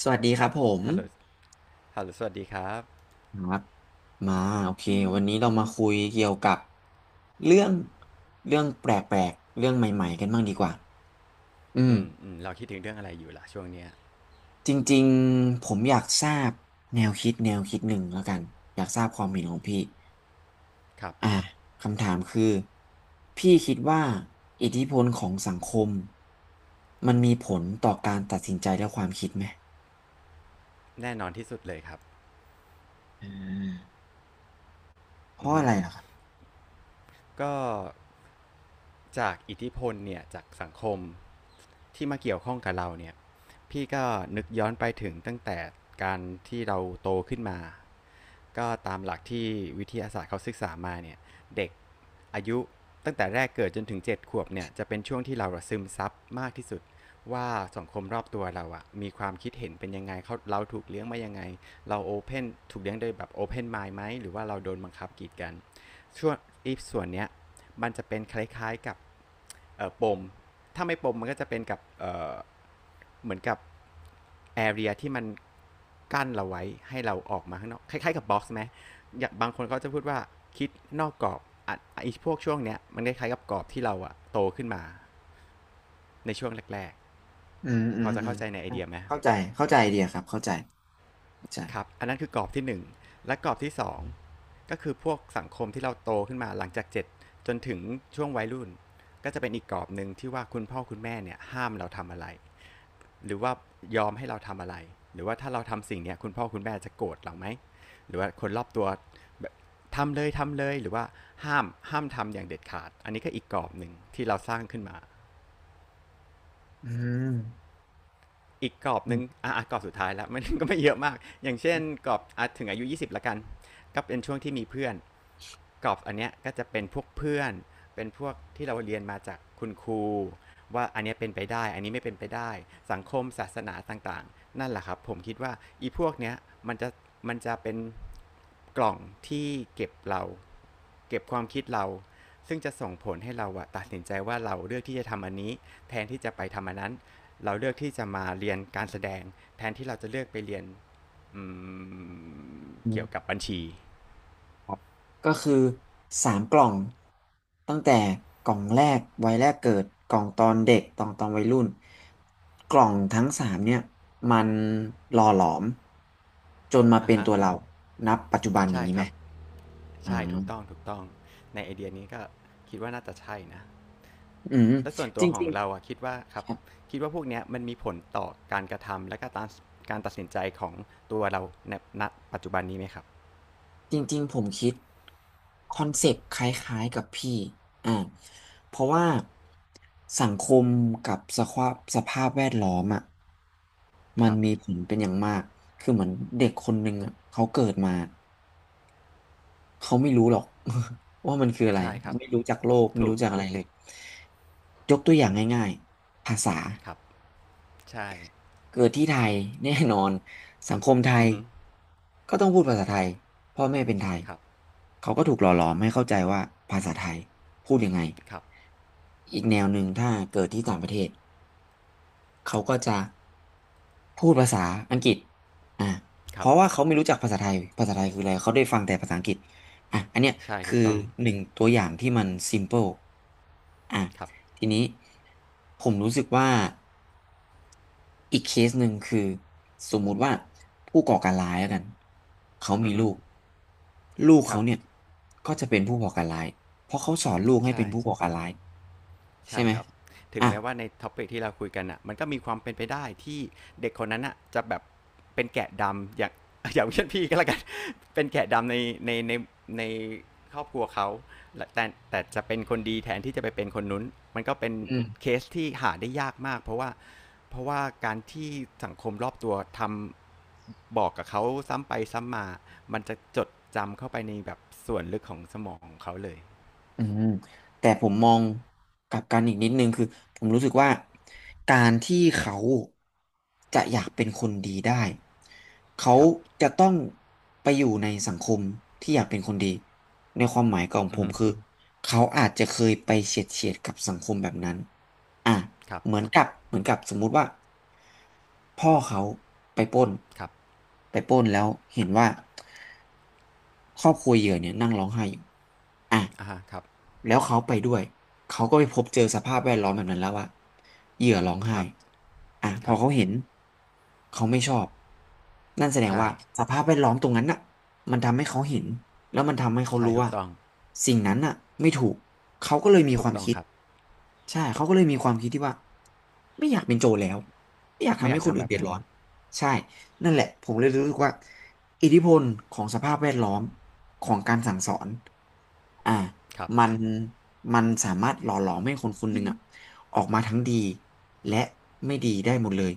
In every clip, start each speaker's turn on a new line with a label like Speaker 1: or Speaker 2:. Speaker 1: สวัสดีครับผม
Speaker 2: ฮัลโหลฮัลโหลสวัสดีครับ
Speaker 1: ครับมาโอเควันนี้เรามาคุยเกี่ยวกับเรื่องเรื่องแปลกๆเรื่องใหม่ๆกันบ้างดีกว่าอืม
Speaker 2: เราคิดถึงเรื่องอะไรอยู่ล่ะช่วงเนี้ย
Speaker 1: จริงๆผมอยากทราบแนวคิดหนึ่งแล้วกันอยากทราบความเห็นของพี่
Speaker 2: ครับ
Speaker 1: อ่าคำถามคือพี่คิดว่าอิทธิพลของสังคมมันมีผลต่อการตัดสินใจและความคิดไหม
Speaker 2: แน่นอนที่สุดเลยครับ
Speaker 1: อ่าเพ
Speaker 2: อือ
Speaker 1: ราะ
Speaker 2: ฮึ
Speaker 1: อะไรล่ะครับ
Speaker 2: ก็จากอิทธิพลเนี่ยจากสังคมที่มาเกี่ยวข้องกับเราเนี่ย พี่ก็นึกย้อนไปถึงตั้งแต่การที่เราโตขึ้นมา ก็ตามหลักที่วิทยาศาสตร์เขาศึกษามาเนี่ยเด็กอายุตั้งแต่แรกเกิดจนถึงเจ็ดขวบเนี่ยจะเป็นช่วงที่เราซึมซับมากที่สุดว่าสังคมรอบตัวเราอะมีความคิดเห็นเป็นยังไงเขาเราถูกเลี้ยงมายังไงเราโอเพนถูกเลี้ยงโดยแบบโอเพนไมล์ไหมหรือว่าเราโดนบังคับกีดกัน ช่วงอีฟส่วนเนี้ยมันจะเป็นคล้ายๆกับปมถ้าไม่ปมมันก็จะเป็นกับเหมือนกับแอเรียที่มันกั้นเราไว้ให้เราออกมาข้างนอกคล้ายๆกับบ็อกซ์ไหมอย่างบางคนเขาจะพูดว่าคิดนอกกรอบอ่ะไอ้พวกช่วงเนี้ยมันคล้ายๆกับกรอบที่เราอะโตขึ้นมาในช่วงแรก
Speaker 1: อืม
Speaker 2: ๆ
Speaker 1: อื
Speaker 2: พอ
Speaker 1: ม
Speaker 2: จะ
Speaker 1: อืม
Speaker 2: เข้าใจในไอเดียไหม
Speaker 1: เข้าใจเข้าใจไอเดียครับเข้าใจเข้าใจ
Speaker 2: ครับอันนั้นคือกรอบที่หนึ่ง และกรอบที่สองก็คือพวกสังคมที่เราโตขึ้นมาหลังจากเจ็ดจนถึงช่วงวัยรุ่นก็จะเป็นอีกกรอบหนึ่งที่ว่าคุณพ่อคุณแม่เนี่ยห้ามเราทำอะไรหรือว่ายอมให้เราทำอะไรหรือว่าถ้าเราทำสิ่งเนี้ยคุณพ่อคุณแม่จะโกรธเราไหมหรือว่าคนรอบตัวแบบทำเลยทำเลยหรือว่าห้ามห้ามทำอย่างเด็ดขาดอันนี้ก็อีกกรอบหนึ่งที่เราสร้างขึ้นมา
Speaker 1: อม
Speaker 2: อีกกรอบห
Speaker 1: อื
Speaker 2: นึ่
Speaker 1: ม
Speaker 2: งอ่ะกรอบสุดท้ายแล้ว มันก็ไม่เยอะมากอย่างเช่นกรอบถึงอายุยี่สิบละกันก็เป็นช่วงที่มีเพื่อน กรอบอันเนี้ยก็จะเป็นพวกเพื่อนเป็นพวกที่เราเรียนมาจากคุณครูว่าอันนี้เป็นไปได้อันนี้ไม่เป็นไปได้สังคมศาสนาต่างๆนั่นแหละครับผมคิดว่าอีพวกเนี้ยมันจะมันจะเป็นกล่องที่เก็บเราเก็บความคิดเราซึ่งจะส่งผลให้เราอะตัดสินใจว่าเราเลือกที่จะทำอันนี้แทนที่จะไปทำอันนั้นเราเลือกที่จะมาเรียนการแสดงแทนที่เราจะเลือกไปเรียน
Speaker 1: อื
Speaker 2: เกี่ยวกั
Speaker 1: ม
Speaker 2: บบัญชี
Speaker 1: ครับก็คือสามกล่องตั้งแต่กล่องแรกวัยแรกเกิดกล่องตอนเด็กตอนวัยรุ่นกล่องทั้งสามเนี่ยมันหล่อหลอมจนมา
Speaker 2: อ่ะ
Speaker 1: เป็น
Speaker 2: ฮะ
Speaker 1: ตัวเรานับปัจจุบันอย่า
Speaker 2: ใช่
Speaker 1: งนี้
Speaker 2: ค
Speaker 1: ไหม
Speaker 2: รับ
Speaker 1: อ่
Speaker 2: ใช่ถูกต้อง
Speaker 1: า
Speaker 2: ถูกต้องในไอเดียนี้ก็คิดว่าน่าจะใช่นะ
Speaker 1: อืม
Speaker 2: และส่วน
Speaker 1: จ
Speaker 2: ตัวของ
Speaker 1: ริง
Speaker 2: เราอะคิดว่าครับ
Speaker 1: ๆ
Speaker 2: คิดว่าพวกเนี้ยมันมีผลต่อการกระทำและก็การตัดสินใจของตัวเราในณปัจจุบันนี้ไหมครับ
Speaker 1: จริงๆผมคิดคอนเซปต์คล้ายๆกับพี่อ่าเพราะว่าสังคมกับสภาพแวดล้อมอ่ะมั
Speaker 2: ค
Speaker 1: น
Speaker 2: รับ
Speaker 1: มีผลเป็นอย่างมากคือเหมือนเด็กคนหนึ่งอ่ะเขาเกิดมาเขาไม่รู้หรอก ว่ามันคืออะไร
Speaker 2: ใช่ครับ
Speaker 1: ไม่รู้จักโลกไม่
Speaker 2: ถู
Speaker 1: รู้
Speaker 2: ก
Speaker 1: จักอะไรเลยยกตัวอย่างง่ายๆภาษา
Speaker 2: ครับใช่
Speaker 1: เกิดที่ไทย แน่นอนสังคมไท
Speaker 2: อื
Speaker 1: ย
Speaker 2: อฮึ
Speaker 1: ก็ต้องพูดภาษาไทยพ่อแม่เป็นไทย
Speaker 2: ครับ
Speaker 1: เขาก็ถูกหล่อหลอมให้เข้าใจว่าภาษาไทยพูดยังไง
Speaker 2: ครับ
Speaker 1: อีกแนวหนึ่งถ้าเกิดที่ต่างประเทศเขาก็จะพูดภาษาอังกฤษอ่ะ
Speaker 2: ค
Speaker 1: เพ
Speaker 2: รับ
Speaker 1: ราะว่าเขาไม่รู้จักภาษาไทยคืออะไรเขาได้ฟังแต่ภาษาอังกฤษอ่ะอันเนี้ย
Speaker 2: ใช่ถู
Speaker 1: คือ
Speaker 2: กต้อง
Speaker 1: หนึ่งตัวอย่างที่มัน simple อ่ะ
Speaker 2: ครับ
Speaker 1: ทีนี้ผมรู้สึกว่า อีกเคสหนึ่งคือสมมุติว่าผู้ก่อการร้ายแล้วกันเขา
Speaker 2: อื
Speaker 1: มี
Speaker 2: อฮึ
Speaker 1: ลูกลูก
Speaker 2: ครั
Speaker 1: เขา
Speaker 2: บ
Speaker 1: เนี่ยก็จะเป็นผู้ก่อการร้ายเพราะเขาสอนลูกให้
Speaker 2: ใช่
Speaker 1: เป็นผู้ก่อการร้ายใช่
Speaker 2: ใช่
Speaker 1: ไหม
Speaker 2: ครับถึง
Speaker 1: อ่ะ
Speaker 2: แม้ว่าในท็อปิกที่เราคุยกันอ่ะมันก็มีความเป็นไปได้ที่เด็กคนนั้นอ่ะจะแบบเป็นแกะดำอย่าง อย่างเช่นพี่ก็แล้วกัน เป็นแกะดำในในในในครอบครัวเขาแต่แต่จะเป็นคนดีแทนที่จะไปเป็นคนนุ้นมันก็เป็น
Speaker 1: อืม
Speaker 2: เคสที่หาได้ยากมากเพราะว่าการที่สังคมรอบตัวทำบอกกับเขาซ้ำไปซ้ำมามันจะจดจำเข้าไปในแบบส่วนลึกของสมองของเขาเลย
Speaker 1: อืมแต่ผมมองกลับกันอีกนิดนึงคือผมรู้สึกว่าการที่เขาจะอยากเป็นคนดีได้เขา
Speaker 2: ครับ
Speaker 1: จะต้องไปอยู่ในสังคมที่อยากเป็นคนดีในความหมายของ
Speaker 2: อื
Speaker 1: ผ
Speaker 2: อ
Speaker 1: ม
Speaker 2: ฮึ
Speaker 1: คือเขาอาจจะเคยไปเฉียดกับสังคมแบบนั้นอ่ะ
Speaker 2: ครับ
Speaker 1: เหมือนกับสมมุติว่าพ่อเขาไปปล้น
Speaker 2: ครับ
Speaker 1: ไปปล้นแล้วเห็นว่าครอบครัวเหยื่อเนี่ยนั่งร้องไห้อยู่
Speaker 2: อ่าฮะครับ
Speaker 1: แล้วเขาไปด้วยเขาก็ไปพบเจอสภาพแวดล้อมแบบนั้นแล้วอะเหยื่อร้องไห้
Speaker 2: ครับ
Speaker 1: อ่ะพ
Speaker 2: ค
Speaker 1: อ
Speaker 2: รับ
Speaker 1: เขาเห็นเขาไม่ชอบนั่นแสดง
Speaker 2: ใช่
Speaker 1: ว่าสภาพแวดล้อมตรงนั้นน่ะมันทำให้เขาเห็นแล้วมันทำให้เขา
Speaker 2: ใช่
Speaker 1: รู้
Speaker 2: ถูก
Speaker 1: ว่า
Speaker 2: ต้อง
Speaker 1: สิ่งนั้นน่ะไม่ถูกเขาก็เลยมี
Speaker 2: ถู
Speaker 1: ค
Speaker 2: ก
Speaker 1: วาม
Speaker 2: ต้อง
Speaker 1: คิด
Speaker 2: ครับ
Speaker 1: ใช่เขาก็เลยมีความคิดที่ว่าไม่อยากเป็นโจรแล้วไม่อยาก
Speaker 2: ไม่
Speaker 1: ทำ
Speaker 2: อ
Speaker 1: ให้
Speaker 2: ยาก
Speaker 1: คน
Speaker 2: ทำ
Speaker 1: อื่
Speaker 2: แบ
Speaker 1: น
Speaker 2: บ
Speaker 1: เดือด
Speaker 2: นั้น
Speaker 1: ร้อนใช่ นั่นแหละผมเลยรู้สึกว่าอิทธิพลของสภาพแวดล้อมของการสั่งสอนอ่า
Speaker 2: ครับ
Speaker 1: มันมันสามารถหล่อหลอมให้คนคนหนึ่งอ่ะออกมาทั้งดีและไม่ดีได้หมดเลย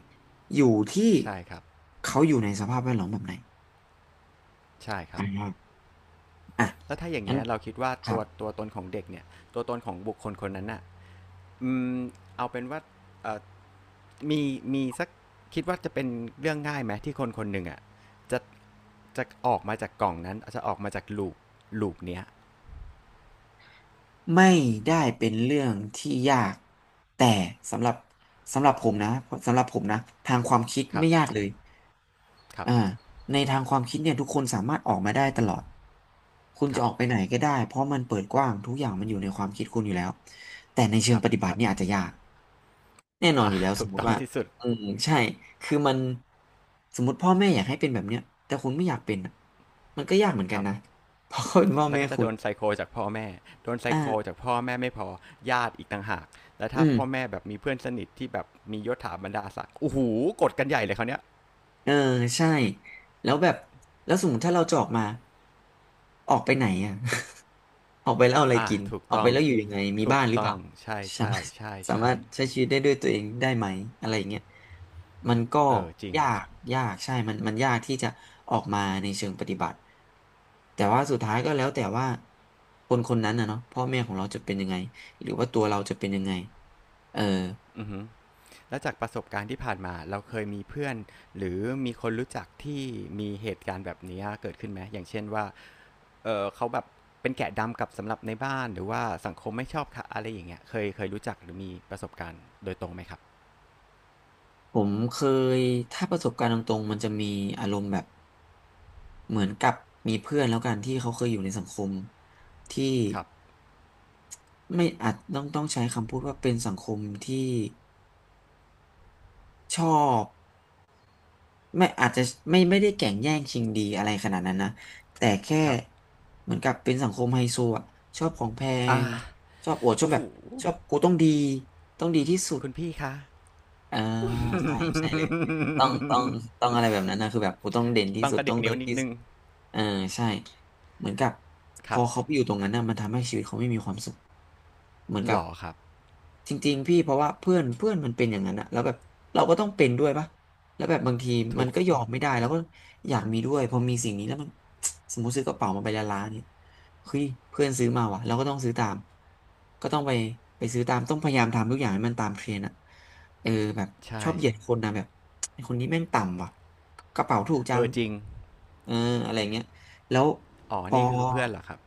Speaker 1: อยู่ที่
Speaker 2: ใช่ครับ
Speaker 1: เขาอยู่ในสภาพแวดล้อมแบบไหน
Speaker 2: ใช่ครั
Speaker 1: อ่
Speaker 2: บ
Speaker 1: าอ่ะ
Speaker 2: แล้วถ้าอย่าง
Speaker 1: งั้น
Speaker 2: เงี้ยเราคิดว่า
Speaker 1: ครั
Speaker 2: ตั
Speaker 1: บ
Speaker 2: วตัวตนของเด็กเนี่ย ตัวตนของบุคคลคนนั้นน่ะอืมเอาเป็นว่าเอ่อมีมีสักคิดว่าจะเป็นเรื่องง่ายไหมที่คนคนหนึ่งอ่ะจะ จะออกมาจากกล่องนั้น จะออกมาจากลูปเนี้ย
Speaker 1: ไม่ได้เป็นเรื่องที่ยากแต่สำหรับสำหรับผมนะสำหรับผมนะทางความคิด
Speaker 2: ครั
Speaker 1: ไม่
Speaker 2: บ
Speaker 1: ยากเลย
Speaker 2: ครับ
Speaker 1: อ่าในทางความคิดเนี่ยทุกคนสามารถออกมาได้ตลอดคุณ
Speaker 2: ค
Speaker 1: จะ
Speaker 2: รับ
Speaker 1: ออกไปไหนก็ได้เพราะมันเปิดกว้างทุกอย่างมันอยู่ในความคิดคุณอยู่แล้วแต่ในเชิ
Speaker 2: ค
Speaker 1: ง
Speaker 2: รับ
Speaker 1: ปฏิบัติเนี่ยอาจจะยากแน่นอน
Speaker 2: อ่ะ
Speaker 1: อยู่แล้วส
Speaker 2: ถู
Speaker 1: ม
Speaker 2: ก
Speaker 1: ม
Speaker 2: ต้
Speaker 1: ติ
Speaker 2: อง
Speaker 1: ว่า
Speaker 2: ที่สุด
Speaker 1: อืมใช่คือมันสมมติพ่อแม่อยากให้เป็นแบบเนี้ยแต่คุณไม่อยากเป็นอะมันก็ยากเหมือน
Speaker 2: ค
Speaker 1: กัน
Speaker 2: รับ
Speaker 1: นะ เพราะเขาเป็นพ่อ
Speaker 2: แล้ว
Speaker 1: แม่
Speaker 2: ก็จะ
Speaker 1: คุ
Speaker 2: โด
Speaker 1: ณ
Speaker 2: นไซโคจากพ่อแม่โดนไซโคจาก
Speaker 1: อ่า
Speaker 2: พ่อแม่ไม่พอญาติอีกต่างหาก แล้ว
Speaker 1: อื
Speaker 2: ถ้าพ่อ
Speaker 1: ม
Speaker 2: แม่แบบมีเพื่อนสนิทที่แบบมียศถาบรรดาศักดิ์โอ้โหกดกันใหญ่เลยเขาเนี้ย
Speaker 1: เออใช่แล้วแบบแล้วสมมติถ้าเราจะออกมาออกไปไหนอ่ะ ออกไปแล้วเอาอะไร
Speaker 2: อ่ะ
Speaker 1: กิน
Speaker 2: ถูก
Speaker 1: ออก
Speaker 2: ต้
Speaker 1: ไป
Speaker 2: อง
Speaker 1: แล้วอยู่ยังไงมี
Speaker 2: ถู
Speaker 1: บ้า
Speaker 2: ก
Speaker 1: นหรือเป
Speaker 2: ต้อ
Speaker 1: ล่า
Speaker 2: งใช่
Speaker 1: สา
Speaker 2: ใช่
Speaker 1: มารถ
Speaker 2: ใช่
Speaker 1: สา
Speaker 2: ใช่
Speaker 1: มารถใช้ชีวิตได้ด้วยตัวเองได้ไหมอะไรอย่างเงี้ยมันก็
Speaker 2: เออจริง
Speaker 1: ยากยากใช่มันยากที่จะออกมาในเชิงปฏิบัติแต่ว่าสุดท้ายก็แล้วแต่ว่าคนคนนั้นนะเนาะพ่อแม่ของเราจะเป็นยังไงหรือว่าตัวเราจะเป็นยังไงเออ
Speaker 2: อือฮึแล้วจากประสบการณ์ที่ผ่านมาเราเคยมีเพื่อนหรือมีคนรู้จักที่มีเหตุการณ์แบบนี้เกิดขึ้นไหม อย่างเช่นว่าเออเขาแบบ เป็นแกะดำกับสำหรับในบ้าน หรือว่าสังคมไม่ชอบค่ะอะไรอย่างเงี้ยเคยรู้จักหรือมีประสบการณ์โดยตรงไหมครับ
Speaker 1: ผมเคยถ้าประสบการณ์ตรงๆมันจะมีอารมณ์แบบ เหมือนกับมีเพื่อนแล้วกันที่เขาเคยอยู่ในสังคมที่
Speaker 2: ครับ
Speaker 1: ไม่อาจต้องใช้คำพูดว่าเป็นสังคมที่ชอบไม่อาจจะไม่ได้แก่งแย่งชิงดีอะไรขนาดนั้นนะแต่แค่
Speaker 2: ครับ
Speaker 1: เหมือนกับเป็นสังคมไฮโซอ่ะชอบของแพง
Speaker 2: อ่า
Speaker 1: ชอบอวดชอบ
Speaker 2: โอ้
Speaker 1: แบ
Speaker 2: โห
Speaker 1: บชอบกูต้องดีต้องดีที่สุด
Speaker 2: คุณพี่คะ
Speaker 1: อ่าใช่ใช่เลยต้องต้องต้องอะไรแบบนั้นนะคือแบบกูต้องเด่นที่
Speaker 2: ต้อง
Speaker 1: สุด
Speaker 2: กระดิ
Speaker 1: ต้อ
Speaker 2: ก
Speaker 1: งเลิ
Speaker 2: นิ้ว
Speaker 1: ศ
Speaker 2: นิด
Speaker 1: ที่
Speaker 2: นึ
Speaker 1: สุด
Speaker 2: ง
Speaker 1: เออใช่เหมือนกับพ
Speaker 2: ครั
Speaker 1: อ
Speaker 2: บ
Speaker 1: เขาไปอยู่ตรงนั้นน่ะมันทำให้ชีวิตเขาไม่มีความสุขเหมือน
Speaker 2: ห
Speaker 1: กับ
Speaker 2: ล่อครับ
Speaker 1: จริงๆพี่เพราะว่าเพื่อนเพื่อนมันเป็นอย่างนั้นอะแล้วแบบเราก็ต้องเป็นด้วยปะแล้วแบบบางทีมั
Speaker 2: ถู
Speaker 1: น
Speaker 2: ก
Speaker 1: ก็ยอมไม่ได้แล้วก็อยากมีด้วยพอมีสิ่งนี้แล้วมัน สมมติซื้อกระเป๋ามาใบละล้านเนี่ยเฮ้ยเพื่อนซื้อมาว่ะเราก็ต้องซื้อตามก็ต้องไปซื้อตามต้องพยายามทำทุกอย่างให้มันตามเทรนด์อะเออแบบช
Speaker 2: ใช่
Speaker 1: อบเหยียดคนนะแบบ ไอ้คนนี้แม่งต่ำว่ะกระเป๋าถูกจั
Speaker 2: เอ
Speaker 1: ง
Speaker 2: อจริง
Speaker 1: เอออะไรเงี้ยแล้ว
Speaker 2: อ๋อ
Speaker 1: พอ
Speaker 2: นี่คือเพื่อนเหรอครับ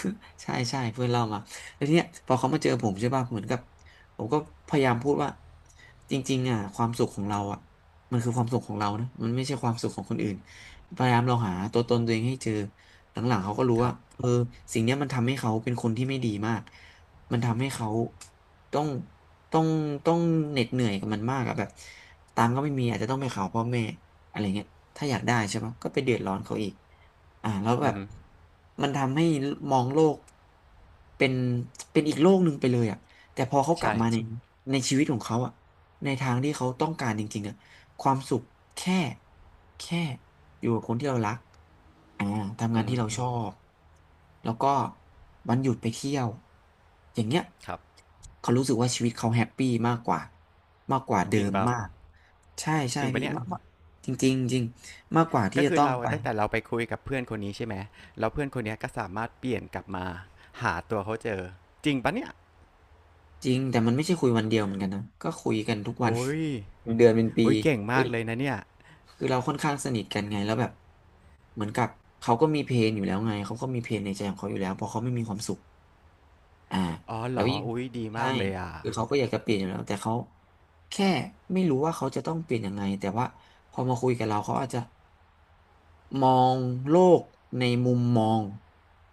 Speaker 1: ใช่ใช่เพื่อนเล่ามาแล้วทีเนี้ยพอเขามาเจอผมใช่ป่ะเหมือนกับผมก็พยายามพูดว่าจริงๆอ่ะความสุขของเราอ่ะมันคือความสุขของเรานะมันไม่ใช่ความสุขของคนอื่นพยายามลองหาตัวตนตัวเองให้เจอหลังๆเขาก็รู้
Speaker 2: ค
Speaker 1: ว่า
Speaker 2: รับ
Speaker 1: เออสิ่งเนี้ยมันทำให้เขาเป็นคนที่ไม่ดีมากมันทำให้เขาต้องต้องต้องเหน็ดเหนื่อยกับมันมากอะแบบตังค์ก็ไม่มีอาจจะต้องไปขอพ่อแม่ อะไรเงี้ยถ้าอยากได้ใช่ปะก็ไปเดือดร้อนเขาอีกอ่าแล้วแบ
Speaker 2: อือ
Speaker 1: บ
Speaker 2: ฮึ
Speaker 1: มันทำให้มองโลกเป็นเป็นอีกโลกหนึ่งไปเลยอ่ะแต่พอเขากลับ
Speaker 2: ใช่
Speaker 1: มาในชีวิตของเขาอ่ะในทางที่เขาต้องการจริงๆอ่ะความสุขแค่แค่อยู่กับคนที่เรารักอ่าทำงา
Speaker 2: อื
Speaker 1: น
Speaker 2: อ
Speaker 1: ที่
Speaker 2: ฮึ
Speaker 1: เราชอบ แล้วก็วันหยุดไปเที่ยว อย่างเงี้ย
Speaker 2: ครับ
Speaker 1: เขารู้สึกว่าชีวิตเขาแฮปปี้มากกว่ามากกว่า
Speaker 2: จ
Speaker 1: เดิ
Speaker 2: ริง
Speaker 1: ม
Speaker 2: เปล่า
Speaker 1: มาก ใช่ใช่
Speaker 2: จริงปะ
Speaker 1: พี่
Speaker 2: เนี่ย
Speaker 1: มาก จริงจริงจริงมากกว่าที่
Speaker 2: ก็
Speaker 1: จะ
Speaker 2: คือ
Speaker 1: ต้อง
Speaker 2: เรา
Speaker 1: ไป
Speaker 2: ตั้งแต่เราไปคุยกับเพื่อนคนนี้ใช่ไหมแล้วเพื่อนคนเนี้ยก็สามารถเปลี่ยนกลับมาหาตัวเขาเจอ จริงปะเนี่ย
Speaker 1: จริงแต่มันไม่ใช่คุยวันเดียวเหมือนกันนะก็คุยกันทุกวัน
Speaker 2: โอ้ย
Speaker 1: เป็นเดือนเป็นปี
Speaker 2: โอ้ยเก่ง
Speaker 1: คื
Speaker 2: มา
Speaker 1: อ
Speaker 2: กเลยนะเนี่ย
Speaker 1: คือเราค่อนข้างสนิทกันไงแล้วแบบเหมือนกับเขาก็มีเพลนอยู่แล้วไงเขาก็มีเพลนในใจของเขาอยู่แล้วเพราะเขาไม่มีความสุขอ่า
Speaker 2: อ๋อเห
Speaker 1: แล้
Speaker 2: ร
Speaker 1: ว
Speaker 2: อ
Speaker 1: ยิ่ง
Speaker 2: อุ้ยดี
Speaker 1: ใช่
Speaker 2: มากเลยอ่ะ
Speaker 1: คือเขาก็อยากจะเปลี่ยนอยู่แล้วแต่เขาแค่ไม่รู้ว่าเขาจะต้องเปลี่ยนยังไงแต่ว่าพอมาคุยกับเราเขาอาจจะ มองโลกในมุมมอง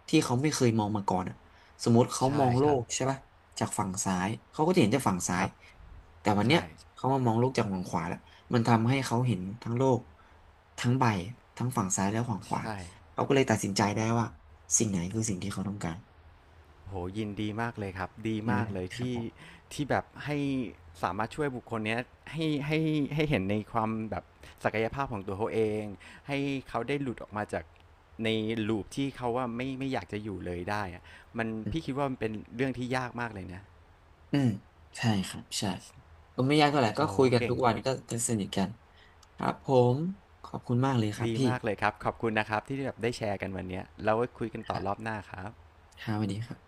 Speaker 1: ที่เขาไม่เคยมองมาก่อนอะสมมติเขาม
Speaker 2: ใช่
Speaker 1: องโล
Speaker 2: ครับ
Speaker 1: กใช่ปะจากฝั่งซ้ายเขาก็จะเห็นจากฝั่งซ้า
Speaker 2: ค
Speaker 1: ย
Speaker 2: รับ
Speaker 1: แต่วันเนี้ย
Speaker 2: ใช่
Speaker 1: เขามามองโลกจากฝั่งขวาแล้วมันทำให้เขาเห็นทั้งโลกทั้งใบทั้งฝั่งซ้ายและฝั่งขวา
Speaker 2: ใช่
Speaker 1: เขาก็เลยตัดสินใจได้ว่าสิ่งไหนคือสิ่งที่เขาต้องการ
Speaker 2: โหยินดีมากเลยครับดี
Speaker 1: อืม
Speaker 2: มากเลย
Speaker 1: ครับ
Speaker 2: ที่
Speaker 1: ผม
Speaker 2: ที่แบบให้สามารถช่วยบุคคลเนี้ยให้ให้ให้เห็นในความแบบศักยภาพของตัวเขาเองให้เขาได้หลุดออกมาจากในลูปที่เขาว่าไม่อยากจะอยู่เลยได้อะมัน
Speaker 1: อื
Speaker 2: พี่
Speaker 1: ม
Speaker 2: คิดว่ามันเป็นเรื่องที่ยากมากเลยนะ
Speaker 1: อืมใช่ครับใช่ก็ไม่ยากเท่าไหร่ก็
Speaker 2: โอ้
Speaker 1: คุยกัน
Speaker 2: เก่
Speaker 1: ทุ
Speaker 2: ง
Speaker 1: กวันก็สนิทกันครับผมขอบคุณมากเลยครับ
Speaker 2: ดี
Speaker 1: พี่
Speaker 2: มากเลยครับขอบคุณนะครับที่แบบได้แชร์กันวันเนี้ยแล้วไว้คุยกัน
Speaker 1: ค
Speaker 2: ต่อ
Speaker 1: รั
Speaker 2: รอ
Speaker 1: บ
Speaker 2: บหน้าครับ
Speaker 1: ครับสวัสดีครับ